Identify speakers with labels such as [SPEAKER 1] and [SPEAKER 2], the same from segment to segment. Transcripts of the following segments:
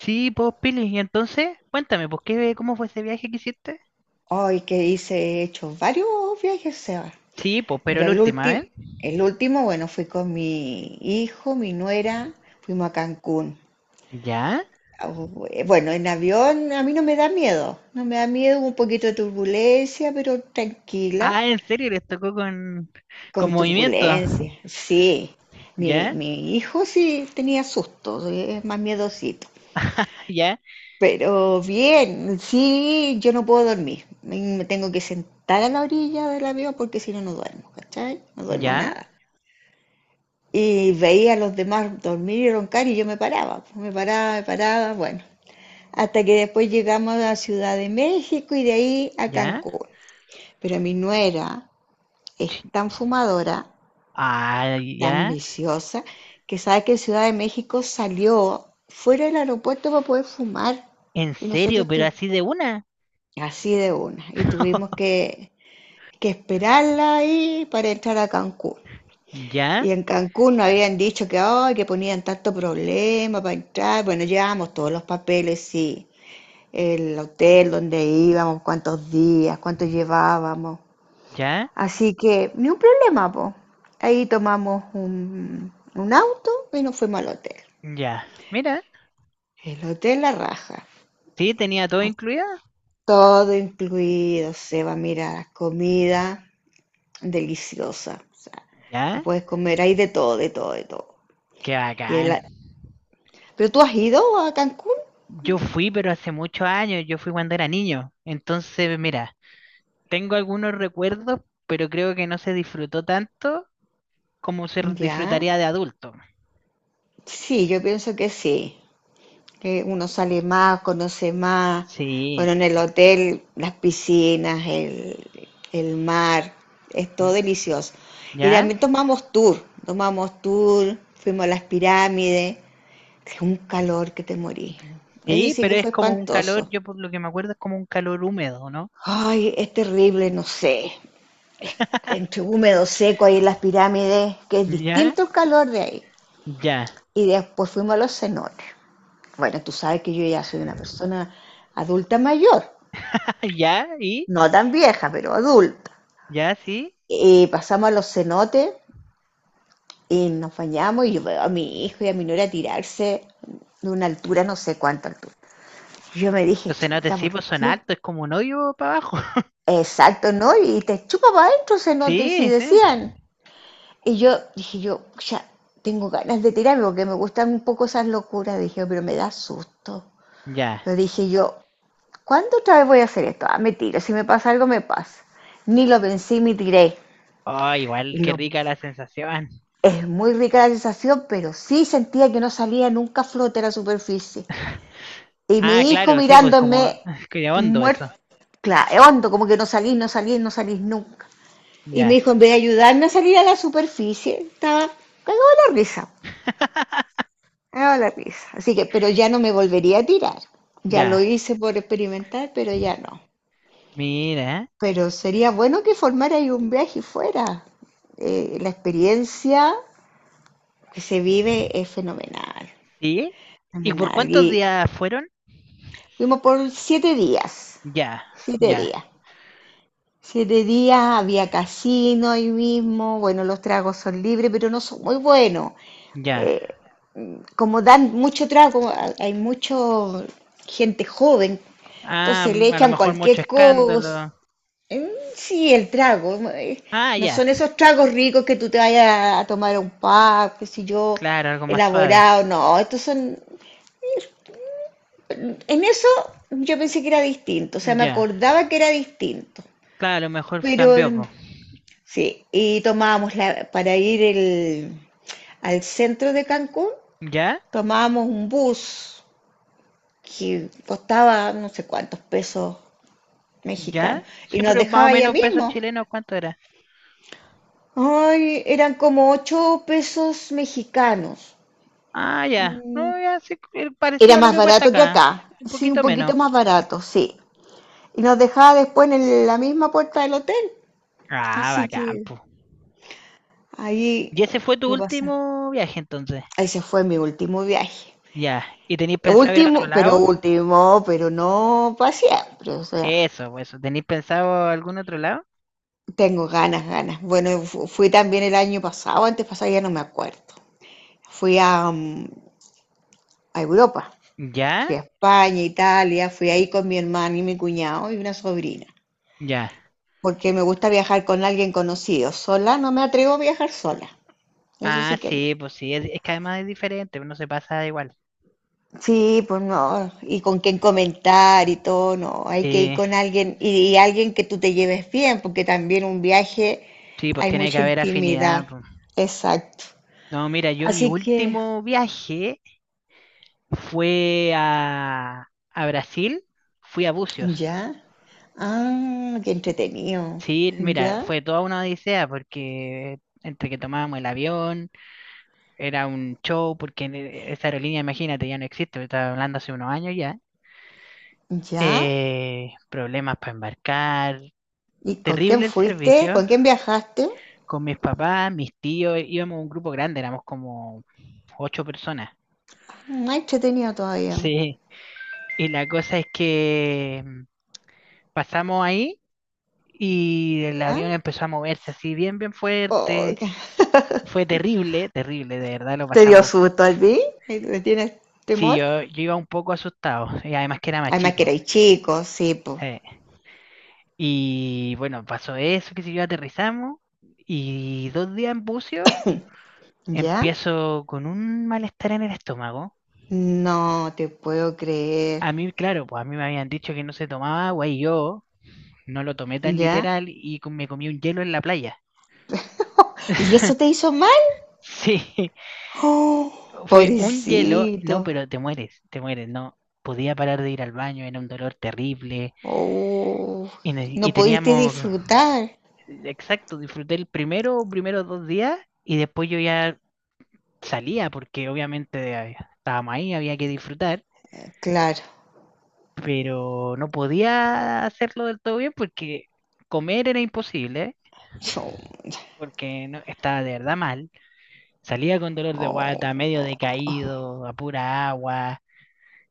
[SPEAKER 1] Sí, pues, Pili, y entonces, cuéntame, pues, ¿qué, cómo fue ese viaje que hiciste?
[SPEAKER 2] Hoy que hice, he hecho varios viajes, Seba.
[SPEAKER 1] Sí, pues, pero
[SPEAKER 2] Mira,
[SPEAKER 1] la
[SPEAKER 2] el
[SPEAKER 1] última
[SPEAKER 2] último,
[SPEAKER 1] vez.
[SPEAKER 2] el último, bueno, fui con mi hijo, mi nuera, fuimos a Cancún.
[SPEAKER 1] ¿Ya?
[SPEAKER 2] Bueno, en avión a mí no me da miedo, no me da miedo, hubo un poquito de turbulencia, pero tranquila,
[SPEAKER 1] Ah, ¿en serio? ¿Les tocó con
[SPEAKER 2] con
[SPEAKER 1] movimiento?
[SPEAKER 2] turbulencia, sí. Mi,
[SPEAKER 1] ¿Ya?
[SPEAKER 2] mi hijo sí tenía susto, es más miedosito.
[SPEAKER 1] ¿Ya?
[SPEAKER 2] Pero bien, sí, yo no puedo dormir. Me tengo que sentar a la orilla del avión porque si no, no duermo, ¿cachai? No duermo
[SPEAKER 1] ¿Ya?
[SPEAKER 2] nada. Y veía a los demás dormir y roncar y yo me paraba, pues, me paraba, bueno. Hasta que después llegamos a Ciudad de México y de ahí a
[SPEAKER 1] ¿Ya?
[SPEAKER 2] Cancún. Pero mi nuera es
[SPEAKER 1] Chi-
[SPEAKER 2] tan fumadora,
[SPEAKER 1] Ah,
[SPEAKER 2] tan
[SPEAKER 1] ¿ya?
[SPEAKER 2] viciosa, que sabe que en Ciudad de México salió fuera del aeropuerto para poder fumar.
[SPEAKER 1] ¿En
[SPEAKER 2] Y
[SPEAKER 1] serio?
[SPEAKER 2] nosotros
[SPEAKER 1] ¿Pero
[SPEAKER 2] tu-
[SPEAKER 1] así de una?
[SPEAKER 2] Así de una. Y tuvimos que esperarla ahí para entrar a Cancún.
[SPEAKER 1] ¿Ya?
[SPEAKER 2] Y en Cancún nos habían dicho que, ay, que ponían tanto problema para entrar. Bueno, llevábamos todos los papeles, sí. El hotel donde íbamos, cuántos días, cuánto llevábamos.
[SPEAKER 1] ¿Ya?
[SPEAKER 2] Así que, ni un problema, po. Ahí tomamos un auto y nos fuimos al hotel.
[SPEAKER 1] ¿Ya? Mira,
[SPEAKER 2] El hotel La Raja.
[SPEAKER 1] sí, tenía todo
[SPEAKER 2] A
[SPEAKER 1] incluido.
[SPEAKER 2] todo incluido, Seba, mira, comida deliciosa. O sea, tú
[SPEAKER 1] ¿Ya?
[SPEAKER 2] puedes comer ahí de todo, de todo, de todo.
[SPEAKER 1] ¡Qué
[SPEAKER 2] Y
[SPEAKER 1] bacán!
[SPEAKER 2] el- ¿Pero tú has ido a Cancún?
[SPEAKER 1] Yo fui, pero hace muchos años, yo fui cuando era niño. Entonces, mira, tengo algunos recuerdos, pero creo que no se disfrutó tanto como se
[SPEAKER 2] Ya.
[SPEAKER 1] disfrutaría de adulto.
[SPEAKER 2] Sí, yo pienso que sí. Que uno sale más, conoce más.
[SPEAKER 1] Sí,
[SPEAKER 2] Bueno, en el hotel, las piscinas, el mar, es todo delicioso. Y
[SPEAKER 1] ¿ya?
[SPEAKER 2] también tomamos tour, fuimos a las pirámides, que un calor que te morís. Ese
[SPEAKER 1] Sí,
[SPEAKER 2] sí
[SPEAKER 1] pero
[SPEAKER 2] que
[SPEAKER 1] es
[SPEAKER 2] fue
[SPEAKER 1] como un calor,
[SPEAKER 2] espantoso.
[SPEAKER 1] yo por lo que me acuerdo es como un calor húmedo, ¿no?
[SPEAKER 2] Ay, es terrible, no sé, entre húmedo, seco, ahí en las pirámides, que es
[SPEAKER 1] ¿Ya?
[SPEAKER 2] distinto el calor de ahí.
[SPEAKER 1] Ya.
[SPEAKER 2] Y después fuimos a los cenotes. Bueno, tú sabes que yo ya soy una persona adulta mayor,
[SPEAKER 1] ¿Ya? ¿Y?
[SPEAKER 2] no tan vieja, pero adulta.
[SPEAKER 1] ¿Ya? ¿Sí?
[SPEAKER 2] Y pasamos a los cenotes y nos bañamos y yo veo a mi hijo y a mi nuera tirarse de una altura, no sé cuánta altura. Yo me dije,
[SPEAKER 1] Los cenotes
[SPEAKER 2] chuta,
[SPEAKER 1] sí,
[SPEAKER 2] ¿por
[SPEAKER 1] pues son
[SPEAKER 2] qué?
[SPEAKER 1] altos, es como un hoyo para abajo.
[SPEAKER 2] Exacto, ¿no? Y te chupa para adentro cenotes y
[SPEAKER 1] Sí, sí.
[SPEAKER 2] decían. Y yo dije, yo ya tengo ganas de tirarme porque me gustan un poco esas locuras. Dije, pero me da susto.
[SPEAKER 1] Ya.
[SPEAKER 2] Pero dije yo, ¿cuándo otra vez voy a hacer esto? Ah, me tiro. Si me pasa algo, me pasa. Ni lo pensé y me tiré.
[SPEAKER 1] Oh, igual,
[SPEAKER 2] Y
[SPEAKER 1] qué
[SPEAKER 2] lo,
[SPEAKER 1] rica la sensación.
[SPEAKER 2] es muy rica la sensación, pero sí sentía que no salía nunca a flote a la superficie. Y
[SPEAKER 1] Ah,
[SPEAKER 2] mi hijo
[SPEAKER 1] claro, sí, pues como...
[SPEAKER 2] mirándome
[SPEAKER 1] que hondo
[SPEAKER 2] muerto,
[SPEAKER 1] eso.
[SPEAKER 2] claro, hondo, como que no salís, no salís, no salís nunca. Y mi
[SPEAKER 1] Ya.
[SPEAKER 2] hijo, en vez de ayudarme a salir a la superficie, estaba cagado de la risa. Ah, la risa. Así que, pero ya no me volvería a tirar. Ya lo
[SPEAKER 1] Ya,
[SPEAKER 2] hice por experimentar, pero ya no.
[SPEAKER 1] mira,
[SPEAKER 2] Pero sería bueno que formara ahí un viaje fuera. La experiencia que se vive es fenomenal.
[SPEAKER 1] ¿sí? ¿Y por
[SPEAKER 2] Fenomenal.
[SPEAKER 1] cuántos
[SPEAKER 2] Y
[SPEAKER 1] días fueron?
[SPEAKER 2] fuimos por 7 días.
[SPEAKER 1] Ya,
[SPEAKER 2] Siete
[SPEAKER 1] ya,
[SPEAKER 2] días. Siete días, había casino ahí mismo. Bueno, los tragos son libres, pero no son muy buenos.
[SPEAKER 1] ya.
[SPEAKER 2] Eh, Como dan mucho trago, hay mucho gente joven.
[SPEAKER 1] Ah,
[SPEAKER 2] Entonces le
[SPEAKER 1] a lo
[SPEAKER 2] echan
[SPEAKER 1] mejor mucho
[SPEAKER 2] cualquier cosa.
[SPEAKER 1] escándalo.
[SPEAKER 2] Mm, Sí, el trago.
[SPEAKER 1] Ah,
[SPEAKER 2] No
[SPEAKER 1] ya.
[SPEAKER 2] son esos tragos ricos que tú te vayas a tomar a un pub, qué sé yo,
[SPEAKER 1] Claro, algo más suave.
[SPEAKER 2] elaborado. No, estos son. En eso yo pensé que era distinto. O sea, me
[SPEAKER 1] Ya.
[SPEAKER 2] acordaba que era distinto.
[SPEAKER 1] Claro, a lo mejor
[SPEAKER 2] Pero
[SPEAKER 1] cambió, po.
[SPEAKER 2] sí, y tomábamos para ir al centro de Cancún,
[SPEAKER 1] ¿Ya?
[SPEAKER 2] tomábamos un bus que costaba no sé cuántos pesos
[SPEAKER 1] ¿Ya?
[SPEAKER 2] mexicanos y
[SPEAKER 1] Sí,
[SPEAKER 2] nos
[SPEAKER 1] pero más
[SPEAKER 2] dejaba
[SPEAKER 1] o
[SPEAKER 2] allá
[SPEAKER 1] menos pesos
[SPEAKER 2] mismo.
[SPEAKER 1] chilenos, ¿cuánto era?
[SPEAKER 2] Ay, eran como 8 pesos mexicanos.
[SPEAKER 1] Ah, ya.
[SPEAKER 2] Mm,
[SPEAKER 1] No, ya, sí,
[SPEAKER 2] Era
[SPEAKER 1] parecido a lo
[SPEAKER 2] más
[SPEAKER 1] que cuesta
[SPEAKER 2] barato que
[SPEAKER 1] acá.
[SPEAKER 2] acá.
[SPEAKER 1] Un
[SPEAKER 2] Sí, un
[SPEAKER 1] poquito menos.
[SPEAKER 2] poquito más barato, sí. Y nos dejaba después en la misma puerta del hotel.
[SPEAKER 1] Ah,
[SPEAKER 2] Así que
[SPEAKER 1] bacán, po.
[SPEAKER 2] ahí
[SPEAKER 1] ¿Y ese fue tu
[SPEAKER 2] lo pasa.
[SPEAKER 1] último viaje entonces?
[SPEAKER 2] Ahí se fue mi último viaje.
[SPEAKER 1] Ya. ¿Y tenéis pensado ir a otro lado?
[SPEAKER 2] Último, pero no para siempre. O sea,
[SPEAKER 1] Eso, pues, eso. ¿Tenéis pensado algún otro lado?
[SPEAKER 2] tengo ganas, ganas. Bueno, fui también el año pasado, antes pasado ya no me acuerdo. Fui a Europa. Fui
[SPEAKER 1] ¿Ya?
[SPEAKER 2] a España, Italia, fui ahí con mi hermano y mi cuñado y una sobrina,
[SPEAKER 1] Ya.
[SPEAKER 2] porque me gusta viajar con alguien conocido. Sola no me atrevo a viajar sola, eso
[SPEAKER 1] Ah,
[SPEAKER 2] sí que no.
[SPEAKER 1] sí, pues sí, es que además es diferente, no se pasa igual.
[SPEAKER 2] Sí, pues no, y con quien comentar y todo, no, hay que ir
[SPEAKER 1] Sí,
[SPEAKER 2] con alguien y alguien que tú te lleves bien, porque también un viaje
[SPEAKER 1] sí, pues
[SPEAKER 2] hay
[SPEAKER 1] tiene que
[SPEAKER 2] mucha
[SPEAKER 1] haber afinidad,
[SPEAKER 2] intimidad,
[SPEAKER 1] pues.
[SPEAKER 2] exacto.
[SPEAKER 1] No, mira, yo mi
[SPEAKER 2] Así que,
[SPEAKER 1] último viaje fue a Brasil, fui a Bucios.
[SPEAKER 2] ya, ah, qué entretenido,
[SPEAKER 1] Sí, mira,
[SPEAKER 2] ya,
[SPEAKER 1] fue toda una odisea porque entre que tomábamos el avión, era un show, porque en esa aerolínea, imagínate, ya no existe, estaba hablando hace unos años ya.
[SPEAKER 2] ya.
[SPEAKER 1] Problemas para embarcar,
[SPEAKER 2] ¿Y con quién
[SPEAKER 1] terrible el
[SPEAKER 2] fuiste?
[SPEAKER 1] servicio.
[SPEAKER 2] ¿Con quién viajaste?
[SPEAKER 1] Con mis papás, mis tíos, íbamos un grupo grande, éramos como ocho personas.
[SPEAKER 2] Más entretenido todavía.
[SPEAKER 1] Sí. Y la cosa es que pasamos ahí y el
[SPEAKER 2] ¿Ya?
[SPEAKER 1] avión empezó a moverse así bien, bien
[SPEAKER 2] Oh,
[SPEAKER 1] fuerte. Fue terrible, terrible, de verdad lo
[SPEAKER 2] ¿Te dio
[SPEAKER 1] pasamos.
[SPEAKER 2] susto a ti? ¿Y tienes
[SPEAKER 1] Sí,
[SPEAKER 2] temor?
[SPEAKER 1] yo iba un poco asustado y además que era más
[SPEAKER 2] Además que
[SPEAKER 1] chico,
[SPEAKER 2] erais chicos, sí, pues.
[SPEAKER 1] eh. Y bueno, pasó eso, que si yo aterrizamos y dos días en buceo
[SPEAKER 2] ¿Ya?
[SPEAKER 1] empiezo con un malestar en el estómago.
[SPEAKER 2] No te puedo creer.
[SPEAKER 1] A mí, claro, pues a mí me habían dicho que no se tomaba agua y yo no lo tomé tan
[SPEAKER 2] ¿Ya?
[SPEAKER 1] literal y me comí un hielo en la playa.
[SPEAKER 2] ¿Y eso te hizo mal?
[SPEAKER 1] Sí,
[SPEAKER 2] Oh,
[SPEAKER 1] fue un hielo,
[SPEAKER 2] pobrecito.
[SPEAKER 1] no, pero te mueres, no. Podía parar de ir al baño, era un dolor terrible
[SPEAKER 2] Oh,
[SPEAKER 1] y,
[SPEAKER 2] no
[SPEAKER 1] y
[SPEAKER 2] pudiste
[SPEAKER 1] teníamos,
[SPEAKER 2] disfrutar.
[SPEAKER 1] exacto, disfruté el primero, primeros dos días y después yo ya salía porque obviamente estábamos ahí, había que disfrutar,
[SPEAKER 2] Claro.
[SPEAKER 1] pero no podía hacerlo del todo bien porque comer era imposible
[SPEAKER 2] Yo-
[SPEAKER 1] porque no, estaba de verdad mal. Salía con dolor de guata, medio
[SPEAKER 2] oh,
[SPEAKER 1] decaído, a pura agua.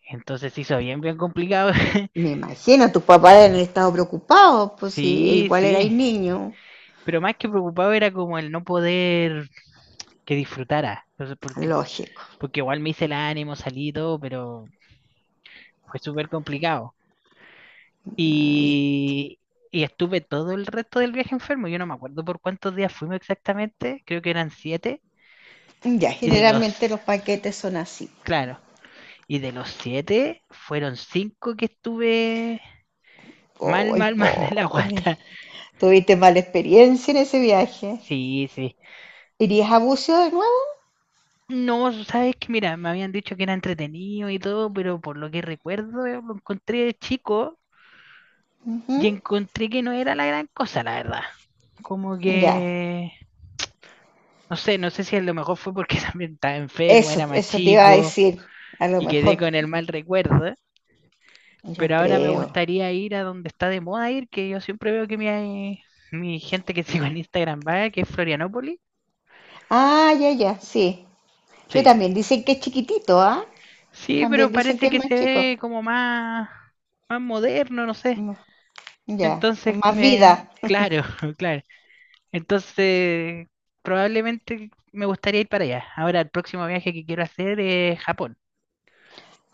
[SPEAKER 1] Entonces se hizo bien, bien complicado.
[SPEAKER 2] me imagino, tus papás han estado preocupados, pues sí,
[SPEAKER 1] Sí,
[SPEAKER 2] igual
[SPEAKER 1] sí.
[SPEAKER 2] erais niño.
[SPEAKER 1] Pero más que preocupado era como el no poder que disfrutara. Entonces, porque,
[SPEAKER 2] Lógico.
[SPEAKER 1] porque igual me hice el ánimo, salí y todo, pero fue súper complicado.
[SPEAKER 2] Y
[SPEAKER 1] Y, y estuve todo el resto del viaje enfermo. Yo no me acuerdo por cuántos días fuimos exactamente. Creo que eran siete.
[SPEAKER 2] ya,
[SPEAKER 1] Y de los,
[SPEAKER 2] generalmente los paquetes son así.
[SPEAKER 1] claro, y de los siete, fueron cinco que estuve mal,
[SPEAKER 2] ¡Ay,
[SPEAKER 1] mal, mal de la
[SPEAKER 2] pobre!
[SPEAKER 1] guata.
[SPEAKER 2] ¿Tuviste mala experiencia en ese viaje?
[SPEAKER 1] Sí, sí.
[SPEAKER 2] ¿Irías a Bucio de nuevo?
[SPEAKER 1] No, sabes que mira, me habían dicho que era entretenido y todo, pero por lo que recuerdo, lo encontré de chico
[SPEAKER 2] Ujú,
[SPEAKER 1] y encontré que no era la gran cosa, la verdad. Como
[SPEAKER 2] ya,
[SPEAKER 1] que, no sé, no sé si a lo mejor fue porque también estaba enfermo,
[SPEAKER 2] eso,
[SPEAKER 1] era más
[SPEAKER 2] eso te iba a
[SPEAKER 1] chico
[SPEAKER 2] decir. A lo
[SPEAKER 1] y quedé
[SPEAKER 2] mejor,
[SPEAKER 1] con el mal recuerdo,
[SPEAKER 2] yo
[SPEAKER 1] pero ahora me
[SPEAKER 2] creo.
[SPEAKER 1] gustaría ir a donde está de moda ir, que yo siempre veo que mi, mi gente que sigo en Instagram va, que es Florianópolis.
[SPEAKER 2] Ah, ya, ya, sí. Pero
[SPEAKER 1] Sí.
[SPEAKER 2] también dicen que es chiquitito, ¿ah?
[SPEAKER 1] Sí, pero
[SPEAKER 2] También dicen que
[SPEAKER 1] parece
[SPEAKER 2] es
[SPEAKER 1] que
[SPEAKER 2] más
[SPEAKER 1] se
[SPEAKER 2] chico.
[SPEAKER 1] ve como más, más moderno, no sé.
[SPEAKER 2] Mm, Ya,
[SPEAKER 1] Entonces,
[SPEAKER 2] con más vida.
[SPEAKER 1] me, claro, claro. Entonces, probablemente me gustaría ir para allá. Ahora, el próximo viaje que quiero hacer es Japón.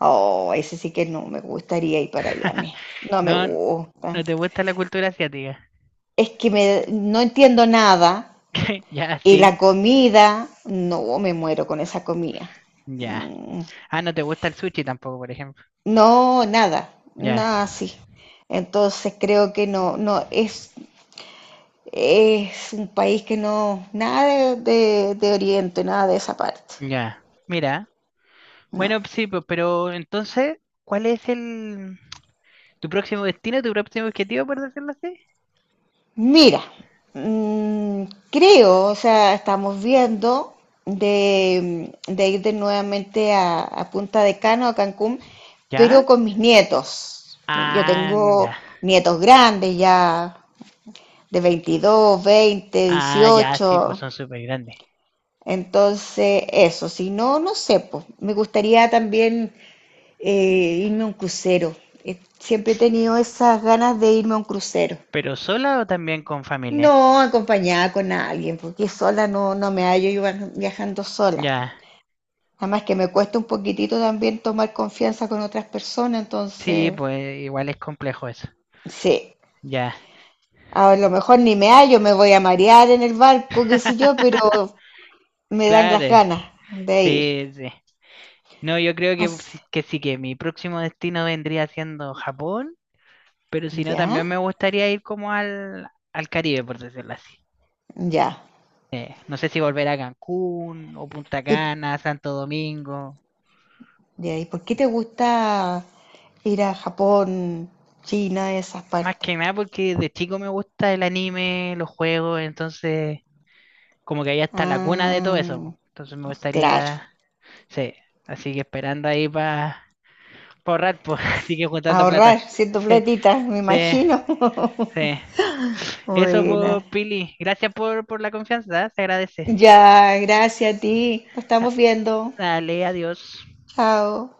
[SPEAKER 2] Oh, ese sí que no me gustaría ir para allá, mira. No me
[SPEAKER 1] No,
[SPEAKER 2] gusta.
[SPEAKER 1] no te gusta la cultura asiática.
[SPEAKER 2] Es que no entiendo nada.
[SPEAKER 1] Ya,
[SPEAKER 2] Y
[SPEAKER 1] sí,
[SPEAKER 2] la comida, no, me muero con esa comida.
[SPEAKER 1] ya.
[SPEAKER 2] Mm,
[SPEAKER 1] Ah, no te gusta el sushi tampoco, por ejemplo.
[SPEAKER 2] No, nada,
[SPEAKER 1] Ya,
[SPEAKER 2] nada así. Entonces creo que no, no, es un país que no, nada de Oriente, nada de esa parte.
[SPEAKER 1] ya. Mira.
[SPEAKER 2] No.
[SPEAKER 1] Bueno, sí, pues, pero entonces, ¿cuál es el tu próximo destino, tu próximo objetivo, por decirlo así?
[SPEAKER 2] Mira, mm, creo, o sea, estamos viendo de ir de nuevamente a Punta de Cano, a Cancún,
[SPEAKER 1] ¿Ya?
[SPEAKER 2] pero con mis nietos. Yo
[SPEAKER 1] Ah,
[SPEAKER 2] tengo
[SPEAKER 1] ya.
[SPEAKER 2] nietos grandes ya, de 22, 20,
[SPEAKER 1] Ah, ya, sí, pues
[SPEAKER 2] 18.
[SPEAKER 1] son súper grandes.
[SPEAKER 2] Entonces, eso, si no, no sé, pues, me gustaría también eh, irme a un crucero. Siempre he tenido esas ganas de irme a un crucero.
[SPEAKER 1] ¿Pero sola o también con familia?
[SPEAKER 2] No, acompañada con alguien, porque sola no, no me hallo yo viajando sola.
[SPEAKER 1] Ya.
[SPEAKER 2] Además que me cuesta un poquitito también tomar confianza con otras personas,
[SPEAKER 1] Sí,
[SPEAKER 2] entonces,
[SPEAKER 1] pues igual es complejo eso.
[SPEAKER 2] sí,
[SPEAKER 1] Ya.
[SPEAKER 2] a lo mejor ni me hallo, me voy a marear en el barco, qué sé yo, pero me dan
[SPEAKER 1] Claro.
[SPEAKER 2] las ganas de ir.
[SPEAKER 1] Sí, sí. No, yo creo que,
[SPEAKER 2] Así-
[SPEAKER 1] que sí, que mi próximo destino vendría siendo Japón, pero si no,
[SPEAKER 2] ¿Ya?
[SPEAKER 1] también me gustaría ir como al, al Caribe, por decirlo así.
[SPEAKER 2] Ya.
[SPEAKER 1] No sé si volver a Cancún o Punta
[SPEAKER 2] ¿Y,
[SPEAKER 1] Cana, Santo Domingo.
[SPEAKER 2] ya, y por qué te gusta ir a Japón, China, esas
[SPEAKER 1] Más
[SPEAKER 2] partes?
[SPEAKER 1] que nada porque de chico me gusta el anime, los juegos, entonces como que ahí está la cuna de todo
[SPEAKER 2] Ah,
[SPEAKER 1] eso, po. Entonces me
[SPEAKER 2] claro.
[SPEAKER 1] gustaría, sí, así que esperando ahí para ahorrar, pues, así que juntando plata.
[SPEAKER 2] Ahorrar, siendo
[SPEAKER 1] Sí,
[SPEAKER 2] platita, me
[SPEAKER 1] sí,
[SPEAKER 2] imagino.
[SPEAKER 1] sí. Eso,
[SPEAKER 2] Buena.
[SPEAKER 1] pues, Pili. Gracias por la confianza, ¿eh? Se agradece.
[SPEAKER 2] Ya, gracias a ti. Nos
[SPEAKER 1] Ah,
[SPEAKER 2] estamos viendo.
[SPEAKER 1] dale, adiós.
[SPEAKER 2] Chao.